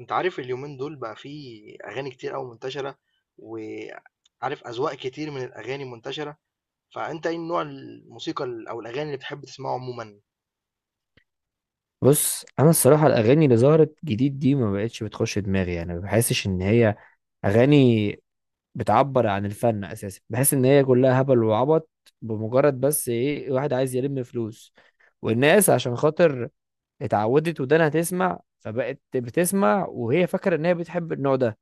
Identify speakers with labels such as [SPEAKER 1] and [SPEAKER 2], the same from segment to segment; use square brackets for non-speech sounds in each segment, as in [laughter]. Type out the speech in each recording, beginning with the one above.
[SPEAKER 1] أنت عارف اليومين دول بقى فيه أغاني كتير أوي منتشرة، وعارف أذواق كتير من الأغاني منتشرة، فأنت إيه نوع الموسيقى أو الأغاني اللي بتحب تسمعه عمومًا؟
[SPEAKER 2] بص انا الصراحه الاغاني اللي ظهرت جديد دي ما بقتش بتخش دماغي. ما بحسش ان هي اغاني بتعبر عن الفن اساسا. بحس ان هي كلها هبل وعبط، بمجرد بس واحد عايز يلم فلوس، والناس عشان خاطر اتعودت ودانها تسمع فبقت بتسمع وهي فاكره ان هي بتحب النوع ده.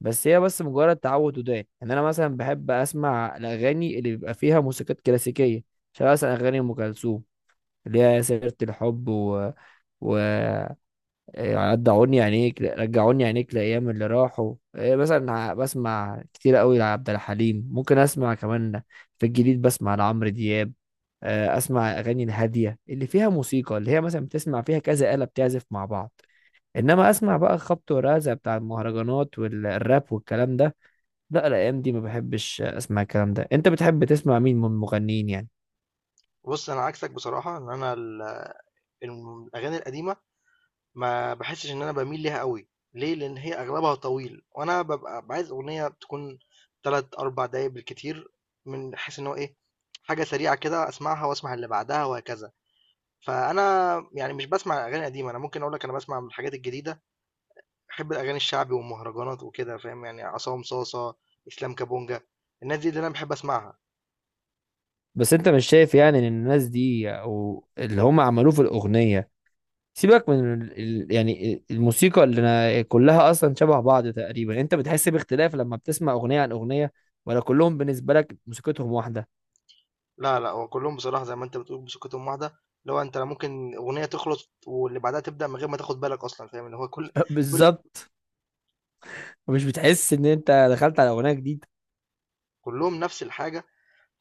[SPEAKER 2] بس هي بس مجرد تعود ودان. ان انا مثلا بحب اسمع الاغاني اللي بيبقى فيها موسيقات كلاسيكيه، شبه مثلا اغاني ام كلثوم اللي هي سيره الحب و... رجعوني عينيك، رجعوني عينيك لأيام اللي راحوا. بسمع كتير قوي لعبد الحليم. ممكن أسمع كمان في الجديد، بسمع لعمرو دياب. أسمع أغاني الهادية اللي فيها موسيقى، اللي هي مثلا بتسمع فيها كذا آلة بتعزف مع بعض. إنما أسمع بقى خبط ورزع بتاع المهرجانات والراب والكلام ده، لا. الأيام دي ما بحبش أسمع الكلام ده. أنت بتحب تسمع مين من المغنيين يعني؟
[SPEAKER 1] بُص أنا عكسك بصراحة إن أنا ال الم الأغاني القديمة ما باحسش إن أنا باميل ليها أوي، ليه؟ لإن هي أغلبها طويل، وأنا بابقى عايز أغنية تكون 3، 4 دقايق بالكتير، من حيث إن هو إيه، حاجة سريعة كده أسمعها وأسمع اللي بعدها وهكذا، فأنا يعني مش باسمع أغاني قديمة، أنا ممكن أقول لك أنا باسمع من الحاجات الجديدة، باحب الأغاني الشعبي والمهرجانات وكده فاهم، يعني عصام صاصة، إسلام كابونجا، الناس دي اللي أنا باحب أسمعها.
[SPEAKER 2] بس أنت مش شايف يعني إن الناس دي أو اللي هم عملوه في الأغنية، سيبك من ال... ال- يعني الموسيقى اللي أنا كلها اصلا شبه بعض تقريبا، انت بتحس باختلاف لما بتسمع اغنيه عن اغنيه، ولا كلهم بالنسبه لك موسيقتهم واحده؟
[SPEAKER 1] لا لأ، هو كلّهم بصراحة زي ما أنت بتقول بسكتهم واحدة، اللي هو أنت لا ممكن أغنية تخلص واللي بعدها تبدأ من غير ما تاخد بالك أصلًا فاهم، اللي هو كل
[SPEAKER 2] [laughs]
[SPEAKER 1] كل
[SPEAKER 2] بالظبط. مش بتحس ان انت دخلت على اغنيه جديده؟
[SPEAKER 1] كلّهم نفس الحاجة،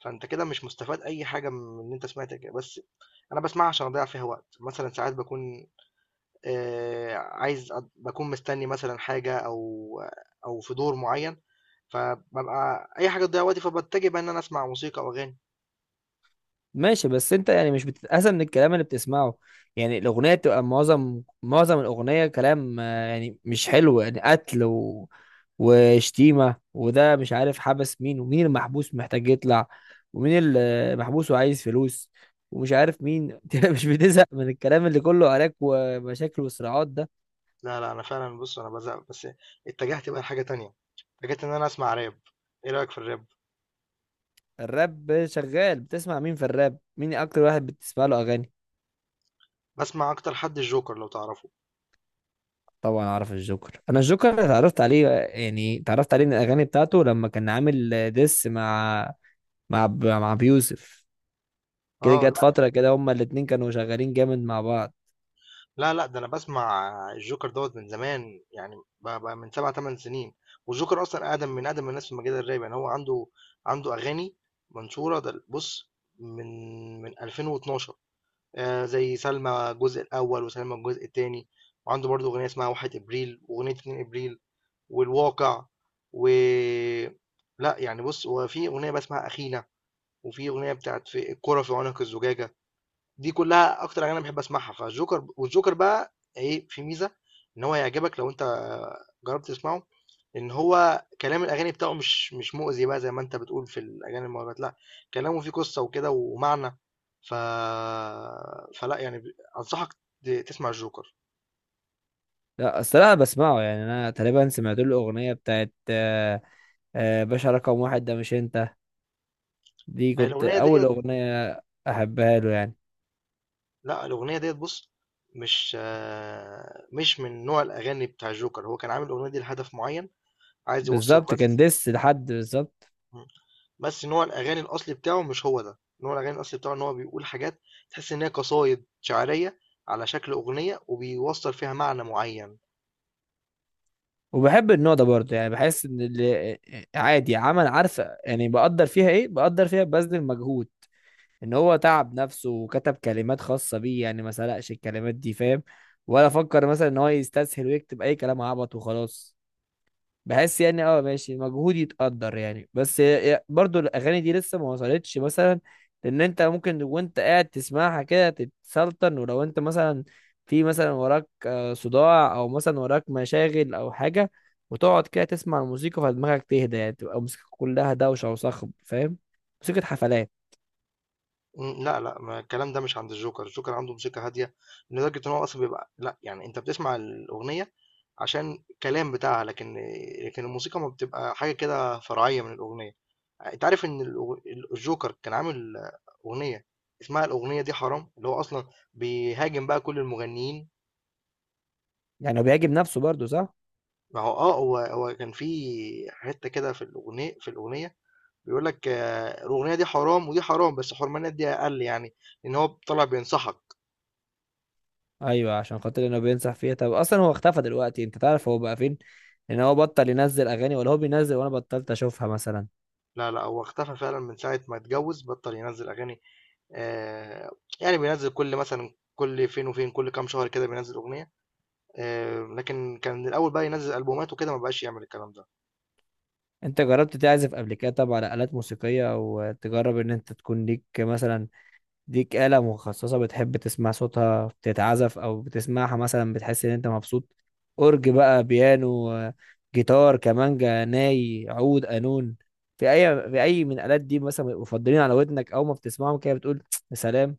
[SPEAKER 1] فأنت كده مش مستفاد أي حاجة من إن أنت سمعت بس أنا باسمعها عشان أضيّع فيها وقت، مثلًا ساعات باكون عايز أض باكون مستني مثلًا حاجة أو في دور معيّن، فبابقى أي حاجة تضيّع وقتي فباتجه بقى إن أنا أسمع موسيقى أو أغاني.
[SPEAKER 2] ماشي، بس انت يعني مش بتتأذى من الكلام اللي بتسمعه؟ يعني الأغنية بتبقى معظم الأغنية كلام. يعني مش حلو، يعني قتل وشتيمة وده مش عارف، حبس مين، ومين المحبوس محتاج يطلع، ومين المحبوس وعايز فلوس، ومش عارف مين [laughs] انت مش بتزهق من الكلام اللي كله عراك ومشاكل وصراعات ده؟
[SPEAKER 1] لا لا، انا فعلا بص انا بزهق، بس اتجهت بقى لحاجه تانية، اتجهت ان انا اسمع راب. ايه رايك في الراب؟
[SPEAKER 2] الراب شغال. بتسمع مين في الراب؟ مين أكتر واحد بتسمع له أغاني؟
[SPEAKER 1] بسمع اكتر حد الجوكر لو تعرفه.
[SPEAKER 2] طبعا اعرف الجوكر. انا الجوكر اتعرفت عليه، يعني اتعرفت عليه من الاغاني بتاعته لما كان عامل ديس مع مع بيوسف. كده
[SPEAKER 1] اه
[SPEAKER 2] جت
[SPEAKER 1] لا
[SPEAKER 2] فتره كده هما الاتنين كانوا شغالين جامد مع بعض.
[SPEAKER 1] لا لا، ده انا بسمع الجوكر دوت من زمان، يعني بقى من 7 8 سنين، والجوكر اصلا اقدم من اقدم الناس في مجال الراب، يعني هو عنده اغاني منشوره، ده بص من 2012، آه زي سلمى الجزء الاول وسلمى الجزء الثاني، وعنده برضه اغنيه اسمها 1 ابريل واغنيه 2 ابريل والواقع، و لأ، يعني بُص، هو في أغنية بقى اسمها أخينا، وفي أغنية بتاعة في الكرة في عنق الزجاجة، دي كلّها أكتر أغاني أنا باحب أسمعها، فالجوكر، والجوكر بقى إيه، في ميزة إن هو هيعجبك لو أنت جرّبت تسمعه، إن هو كلام الأغاني بتاعه مش مؤذي بقى زي ما أنت بتقول في الأغاني المهرجانات، لأ، كلامه فيه قصّة وكده ومعنى، ف فلأ، يعني أنصحك تسمع الجوكر.
[SPEAKER 2] لا اصل انا بسمعه. يعني انا تقريبا سمعت له الاغنيه بتاعت باشا رقم واحد. ده مش انت؟ دي
[SPEAKER 1] هي
[SPEAKER 2] كنت
[SPEAKER 1] الأغنية
[SPEAKER 2] اول
[SPEAKER 1] ديّة،
[SPEAKER 2] اغنيه احبها له يعني.
[SPEAKER 1] لأ، الأغنية ديّة بُص، مش من نوع الأغاني بتاع الجوكر، هو كان عامل الأغنية دي لهدف معيّن عايز يوصّله،
[SPEAKER 2] بالظبط، كان
[SPEAKER 1] بس.
[SPEAKER 2] ديس لحد، بالظبط.
[SPEAKER 1] إمم، بس نوع الأغاني الأصلي بتاعه مش هو ده، نوع الأغاني الأصلي بتاعه إن هو بيقول حاجات تحس إن هي قصايد شعرية على شكل أغنية وبيوصّل فيها معنى معيّن.
[SPEAKER 2] وبحب النوع ده برضه يعني. بحس ان اللي عادي، عمل عارفه يعني. بقدر فيها ايه؟ بقدر فيها ببذل مجهود، ان هو تعب نفسه وكتب كلمات خاصة بيه يعني، ما سرقش الكلمات دي، فاهم؟ ولا فكر مثلا ان هو يستسهل ويكتب اي كلام عبط وخلاص. بحس يعني اه، ماشي، مجهود يتقدر يعني. بس برضو الاغاني دي لسه ما وصلتش مثلا ان انت ممكن وانت قاعد تسمعها كده تتسلطن، ولو انت مثلا في مثلا وراك صداع، او مثلا وراك مشاغل او حاجة، وتقعد كده تسمع الموسيقى فدماغك تهدى. يعني تبقى الموسيقى كلها دوشة وصخب، فاهم؟ موسيقى حفلات.
[SPEAKER 1] لأ، لأ، ما الكلام ده مش عند الجوكر، الجوكر عنده موسيقى هادية لدرجة إن هو أصلًا بيبقى لأ، يعني أنت بتسمع الأغنية عشان الكلام بتاعها، لكن الموسيقى ما بتبقى حاجة كده فرعية من الأغنية. انت عارف ان الجوكر كان عامل اغنيه، اسمها الاغنيه دي حرام، اللي هو اصلا بيهاجم بقى كل المغنيين.
[SPEAKER 2] يعني هو بيعجب نفسه برضه، صح؟
[SPEAKER 1] ما هو هو كان في حته كده في الاغنيه بيقول لك آه، الاغنيه دي حرام ودي حرام، بس حرمانيات دي اقل، يعني ان هو طلع بينصحك.
[SPEAKER 2] ايوه، عشان خاطر انه بينصح فيها. طب اصلا هو اختفى دلوقتي. انت تعرف هو بقى فين؟ ان هو بطل ينزل اغاني، ولا هو بينزل وانا بطلت اشوفها مثلا؟
[SPEAKER 1] لا لا، هو اختفى فعلا من ساعه ما اتجوز، بطل ينزل اغاني، آه، يعني بينزل، كل فين وفين كل كام شهر كده بينزل اغنيه، آه، لكن كان الاول بقى ينزل البومات وكده ما بقاش يعمل الكلام ده.
[SPEAKER 2] انت جربت تعزف قبل كده؟ طب على آلات موسيقية؟ او تجرب ان انت تكون ليك مثلا ليك آلة مخصصة بتحب تسمع صوتها بتتعزف او بتسمعها مثلا بتحس ان انت مبسوط؟ اورج بقى، بيانو جيتار، كمانجا، ناي، عود، قانون؟ في اي من الآلات دي مثلا بيبقوا مفضلين على ودنك، او ما بتسمعهم كده بتقول [tsk] يا سلام؟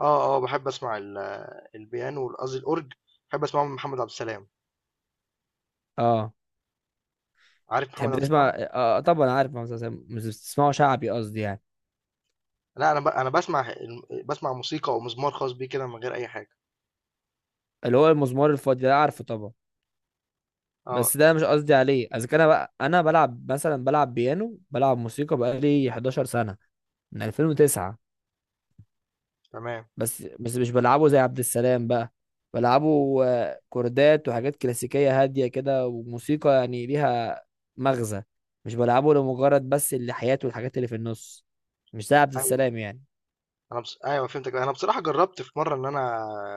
[SPEAKER 1] آه، آه، باحب أسمع البيانو قصدي الأورج، باحب أسمعه من محمد عبد السلام.
[SPEAKER 2] اه،
[SPEAKER 1] عارف محمد
[SPEAKER 2] تحب
[SPEAKER 1] عبد
[SPEAKER 2] تسمع
[SPEAKER 1] السلام؟
[SPEAKER 2] طبعا عارف مهندس عسام. مش بتسمعه شعبي قصدي يعني؟
[SPEAKER 1] لأ أنا، أنا باسمع موسيقى أو مزمار خاص بيه كده من غير أي حاجة.
[SPEAKER 2] اللي هو المزمار الفاضي ده، عارفه طبعا.
[SPEAKER 1] آه،
[SPEAKER 2] بس ده مش قصدي عليه. اذا كان انا بقى انا بلعب مثلا، بلعب بيانو، بلعب موسيقى بقالي 11 سنه، من 2009.
[SPEAKER 1] تمام.
[SPEAKER 2] بس مش بلعبه زي عبد السلام بقى. بلعبه كوردات وحاجات كلاسيكيه هاديه كده، وموسيقى يعني ليها مغزى. مش بلعبه لمجرد بس اللحيات والحاجات اللي في النص، مش زي عبد
[SPEAKER 1] أيوه،
[SPEAKER 2] السلام يعني.
[SPEAKER 1] أنا بص، أيوه فهمتك. أنا بصراحة جرّبت في مرّة إن أنا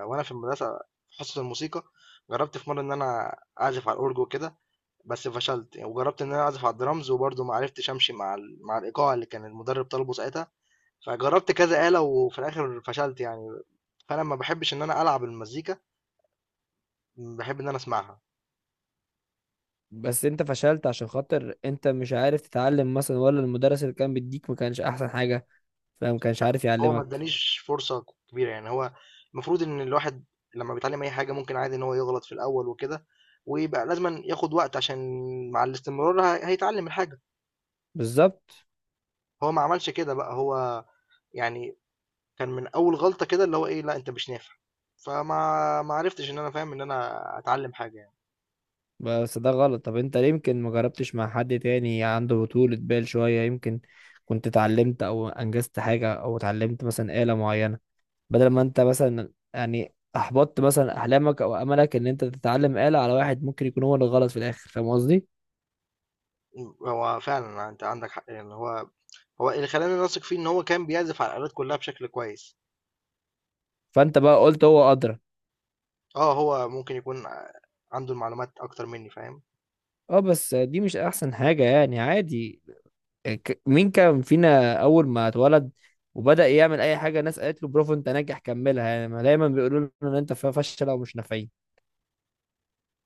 [SPEAKER 1] وأنا في المدرسة في حصة الموسيقى، جرّبت في مرّة إن أنا أعزف على الأورج وكده، بس فشلت، وجرّبت إن أنا أعزف على الدرامز وبرضه ما عرفتش أمشي مع مع الإيقاع اللي كان المُدرّب طالبه ساعتها، فجرّبت كذا آلة وفي الآخر فشلت يعني، فأنا ما باحبش إن أنا ألعب المزيكا، باحب إن أنا أسمعها.
[SPEAKER 2] بس انت فشلت عشان خاطر انت مش عارف تتعلم مثلا، ولا المدرس اللي كان بيديك ما كانش احسن حاجة فما كانش عارف
[SPEAKER 1] هو ما
[SPEAKER 2] يعلمك؟
[SPEAKER 1] ادّانيش فرصة كبيرة، يعني هو المفروض إن الواحد لمّا بيتعلّم أي حاجة ممكن عادي إن هو يغلط في الأول وكده، ويبقى لازمًا ياخد وقت عشان مع الاستمرار هيتعلّم الحاجة،
[SPEAKER 2] بالظبط.
[SPEAKER 1] هو ما عملش كده بقى، هو يعني كان من أول غلطة كده اللي هو إيه، لأ أنت مش نافع، فما ما عرفتش إن أنا فاهم إن أنا أتعلّم حاجة يعني.
[SPEAKER 2] بس ده غلط. طب انت ليه يمكن ما جربتش مع حد تاني عنده طولة بال شوية؟ يمكن كنت اتعلمت او انجزت حاجة، او اتعلمت مثلا آلة معينة، بدل ما انت مثلا يعني احبطت مثلا احلامك او املك ان انت تتعلم آلة على واحد ممكن يكون هو اللي غلط في الاخر، فاهم قصدي؟
[SPEAKER 1] هو فعلًا أنت عندك حق، يعني هو اللي خلّاني أثق فيه إن هو كان بيعزف على الآلات كلّها بشكل كويس،
[SPEAKER 2] فانت بقى قلت هو ادرى.
[SPEAKER 1] آه، هو ممكن يكون عنده المعلومات أكتر منّي، فاهم؟
[SPEAKER 2] اه، بس دي مش احسن حاجة يعني. عادي يعني. مين كان فينا اول ما اتولد وبدأ يعمل اي حاجه الناس قالت له برافو انت ناجح كملها؟ يعني ما دايما بيقولوا له ان انت فشله ومش نافعين.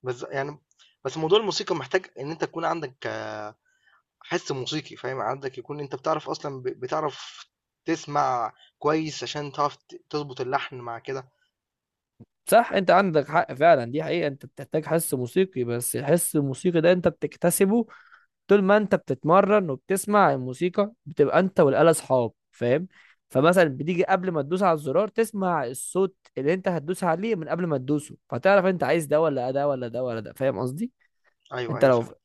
[SPEAKER 1] بس يعني بس موضوع الموسيقى محتاج إن أنت تكون عندك حِس موسيقي فاهم، عندك يكون أنت بتعرف أصلًا بتعرف تسمع كويس عشان تعرف تضبط اللحن مع كده.
[SPEAKER 2] صح، انت عندك حق فعلا. دي حقيقه، انت بتحتاج حس موسيقي. بس الحس الموسيقي ده انت بتكتسبه طول ما انت بتتمرن وبتسمع الموسيقى، بتبقى انت والآلة اصحاب، فاهم؟ فمثلا بتيجي قبل ما تدوس على الزرار تسمع الصوت اللي انت هتدوس عليه من قبل ما تدوسه، فتعرف انت عايز ده ولا ده ولا ده ولا ده، فاهم قصدي؟
[SPEAKER 1] أيوه،
[SPEAKER 2] انت
[SPEAKER 1] أيوه
[SPEAKER 2] لو
[SPEAKER 1] فهمت.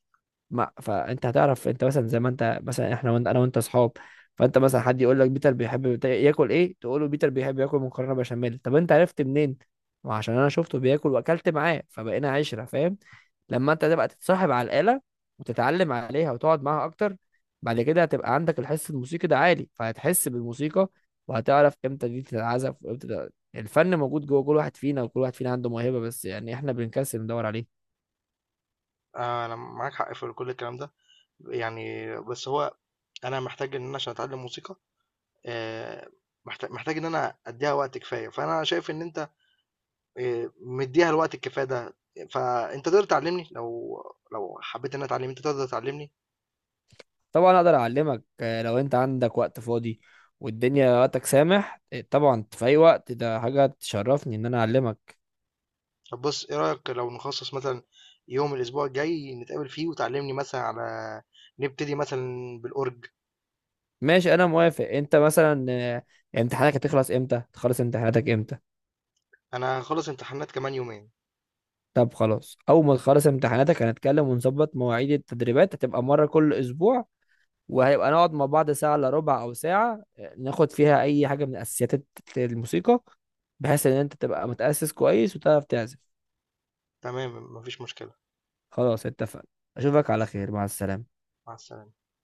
[SPEAKER 2] ما، فانت هتعرف. انت مثلا زي ما انت مثلا، احنا وانت، انا وانت اصحاب، فانت مثلا حد يقول لك بيتر بيحب ياكل ايه، تقول له بيتر بيحب ياكل مكرونه بشاميل. طب انت عرفت منين؟ ما عشان انا شفته بياكل واكلت معاه فبقينا عشره، فاهم؟ لما انت تبقى تتصاحب على الاله وتتعلم عليها وتقعد معاها اكتر، بعد كده هتبقى عندك الحس الموسيقي ده عالي، فهتحس بالموسيقى، وهتعرف امتى دي تتعزف وامتى ده. الفن موجود جوه كل واحد فينا، وكل واحد فينا عنده موهبه، بس يعني احنا بنكسل ندور عليه.
[SPEAKER 1] أنا معاك حق في كل الكلام ده، يعني بس هو أنا محتاج إن أنا عشان أتعلّم موسيقى، آآ محتاج إن أنا أدّيها وقت كفاية، فأنا شايف إن أنت مدّيها الوقت الكفاية ده، فأنت تقدر تعلّمني، لو حبّيت إن أنا أتعلّم، أنت تقدر تعلّمني؟
[SPEAKER 2] طبعا اقدر اعلمك. لو انت عندك وقت فاضي والدنيا وقتك سامح، طبعا، في اي وقت. ده حاجه تشرفني ان انا اعلمك.
[SPEAKER 1] طب بص ايه رأيك لو نخصص مثلا يوم الاسبوع الجاي نتقابل فيه وتعلمني مثلا، نبتدي مثلا بالأورج.
[SPEAKER 2] ماشي، انا موافق. انت مثلا امتحانك هتخلص امتى؟ تخلص امتحاناتك امتى؟
[SPEAKER 1] انا هخلص امتحانات كمان يومين.
[SPEAKER 2] طب خلاص، اول ما تخلص امتحاناتك هنتكلم ونظبط مواعيد التدريبات. هتبقى مره كل اسبوع، وهيبقى نقعد مع بعض ساعه الا ربع او ساعه، ناخد فيها اي حاجه من اساسيات الموسيقى، بحيث ان انت تبقى متاسس كويس وتعرف تعزف.
[SPEAKER 1] تمام، مفيش مشكلة.
[SPEAKER 2] خلاص، اتفقنا. اشوفك
[SPEAKER 1] مع
[SPEAKER 2] على
[SPEAKER 1] السلامة،
[SPEAKER 2] خير، مع السلامه.
[SPEAKER 1] مع السلامة.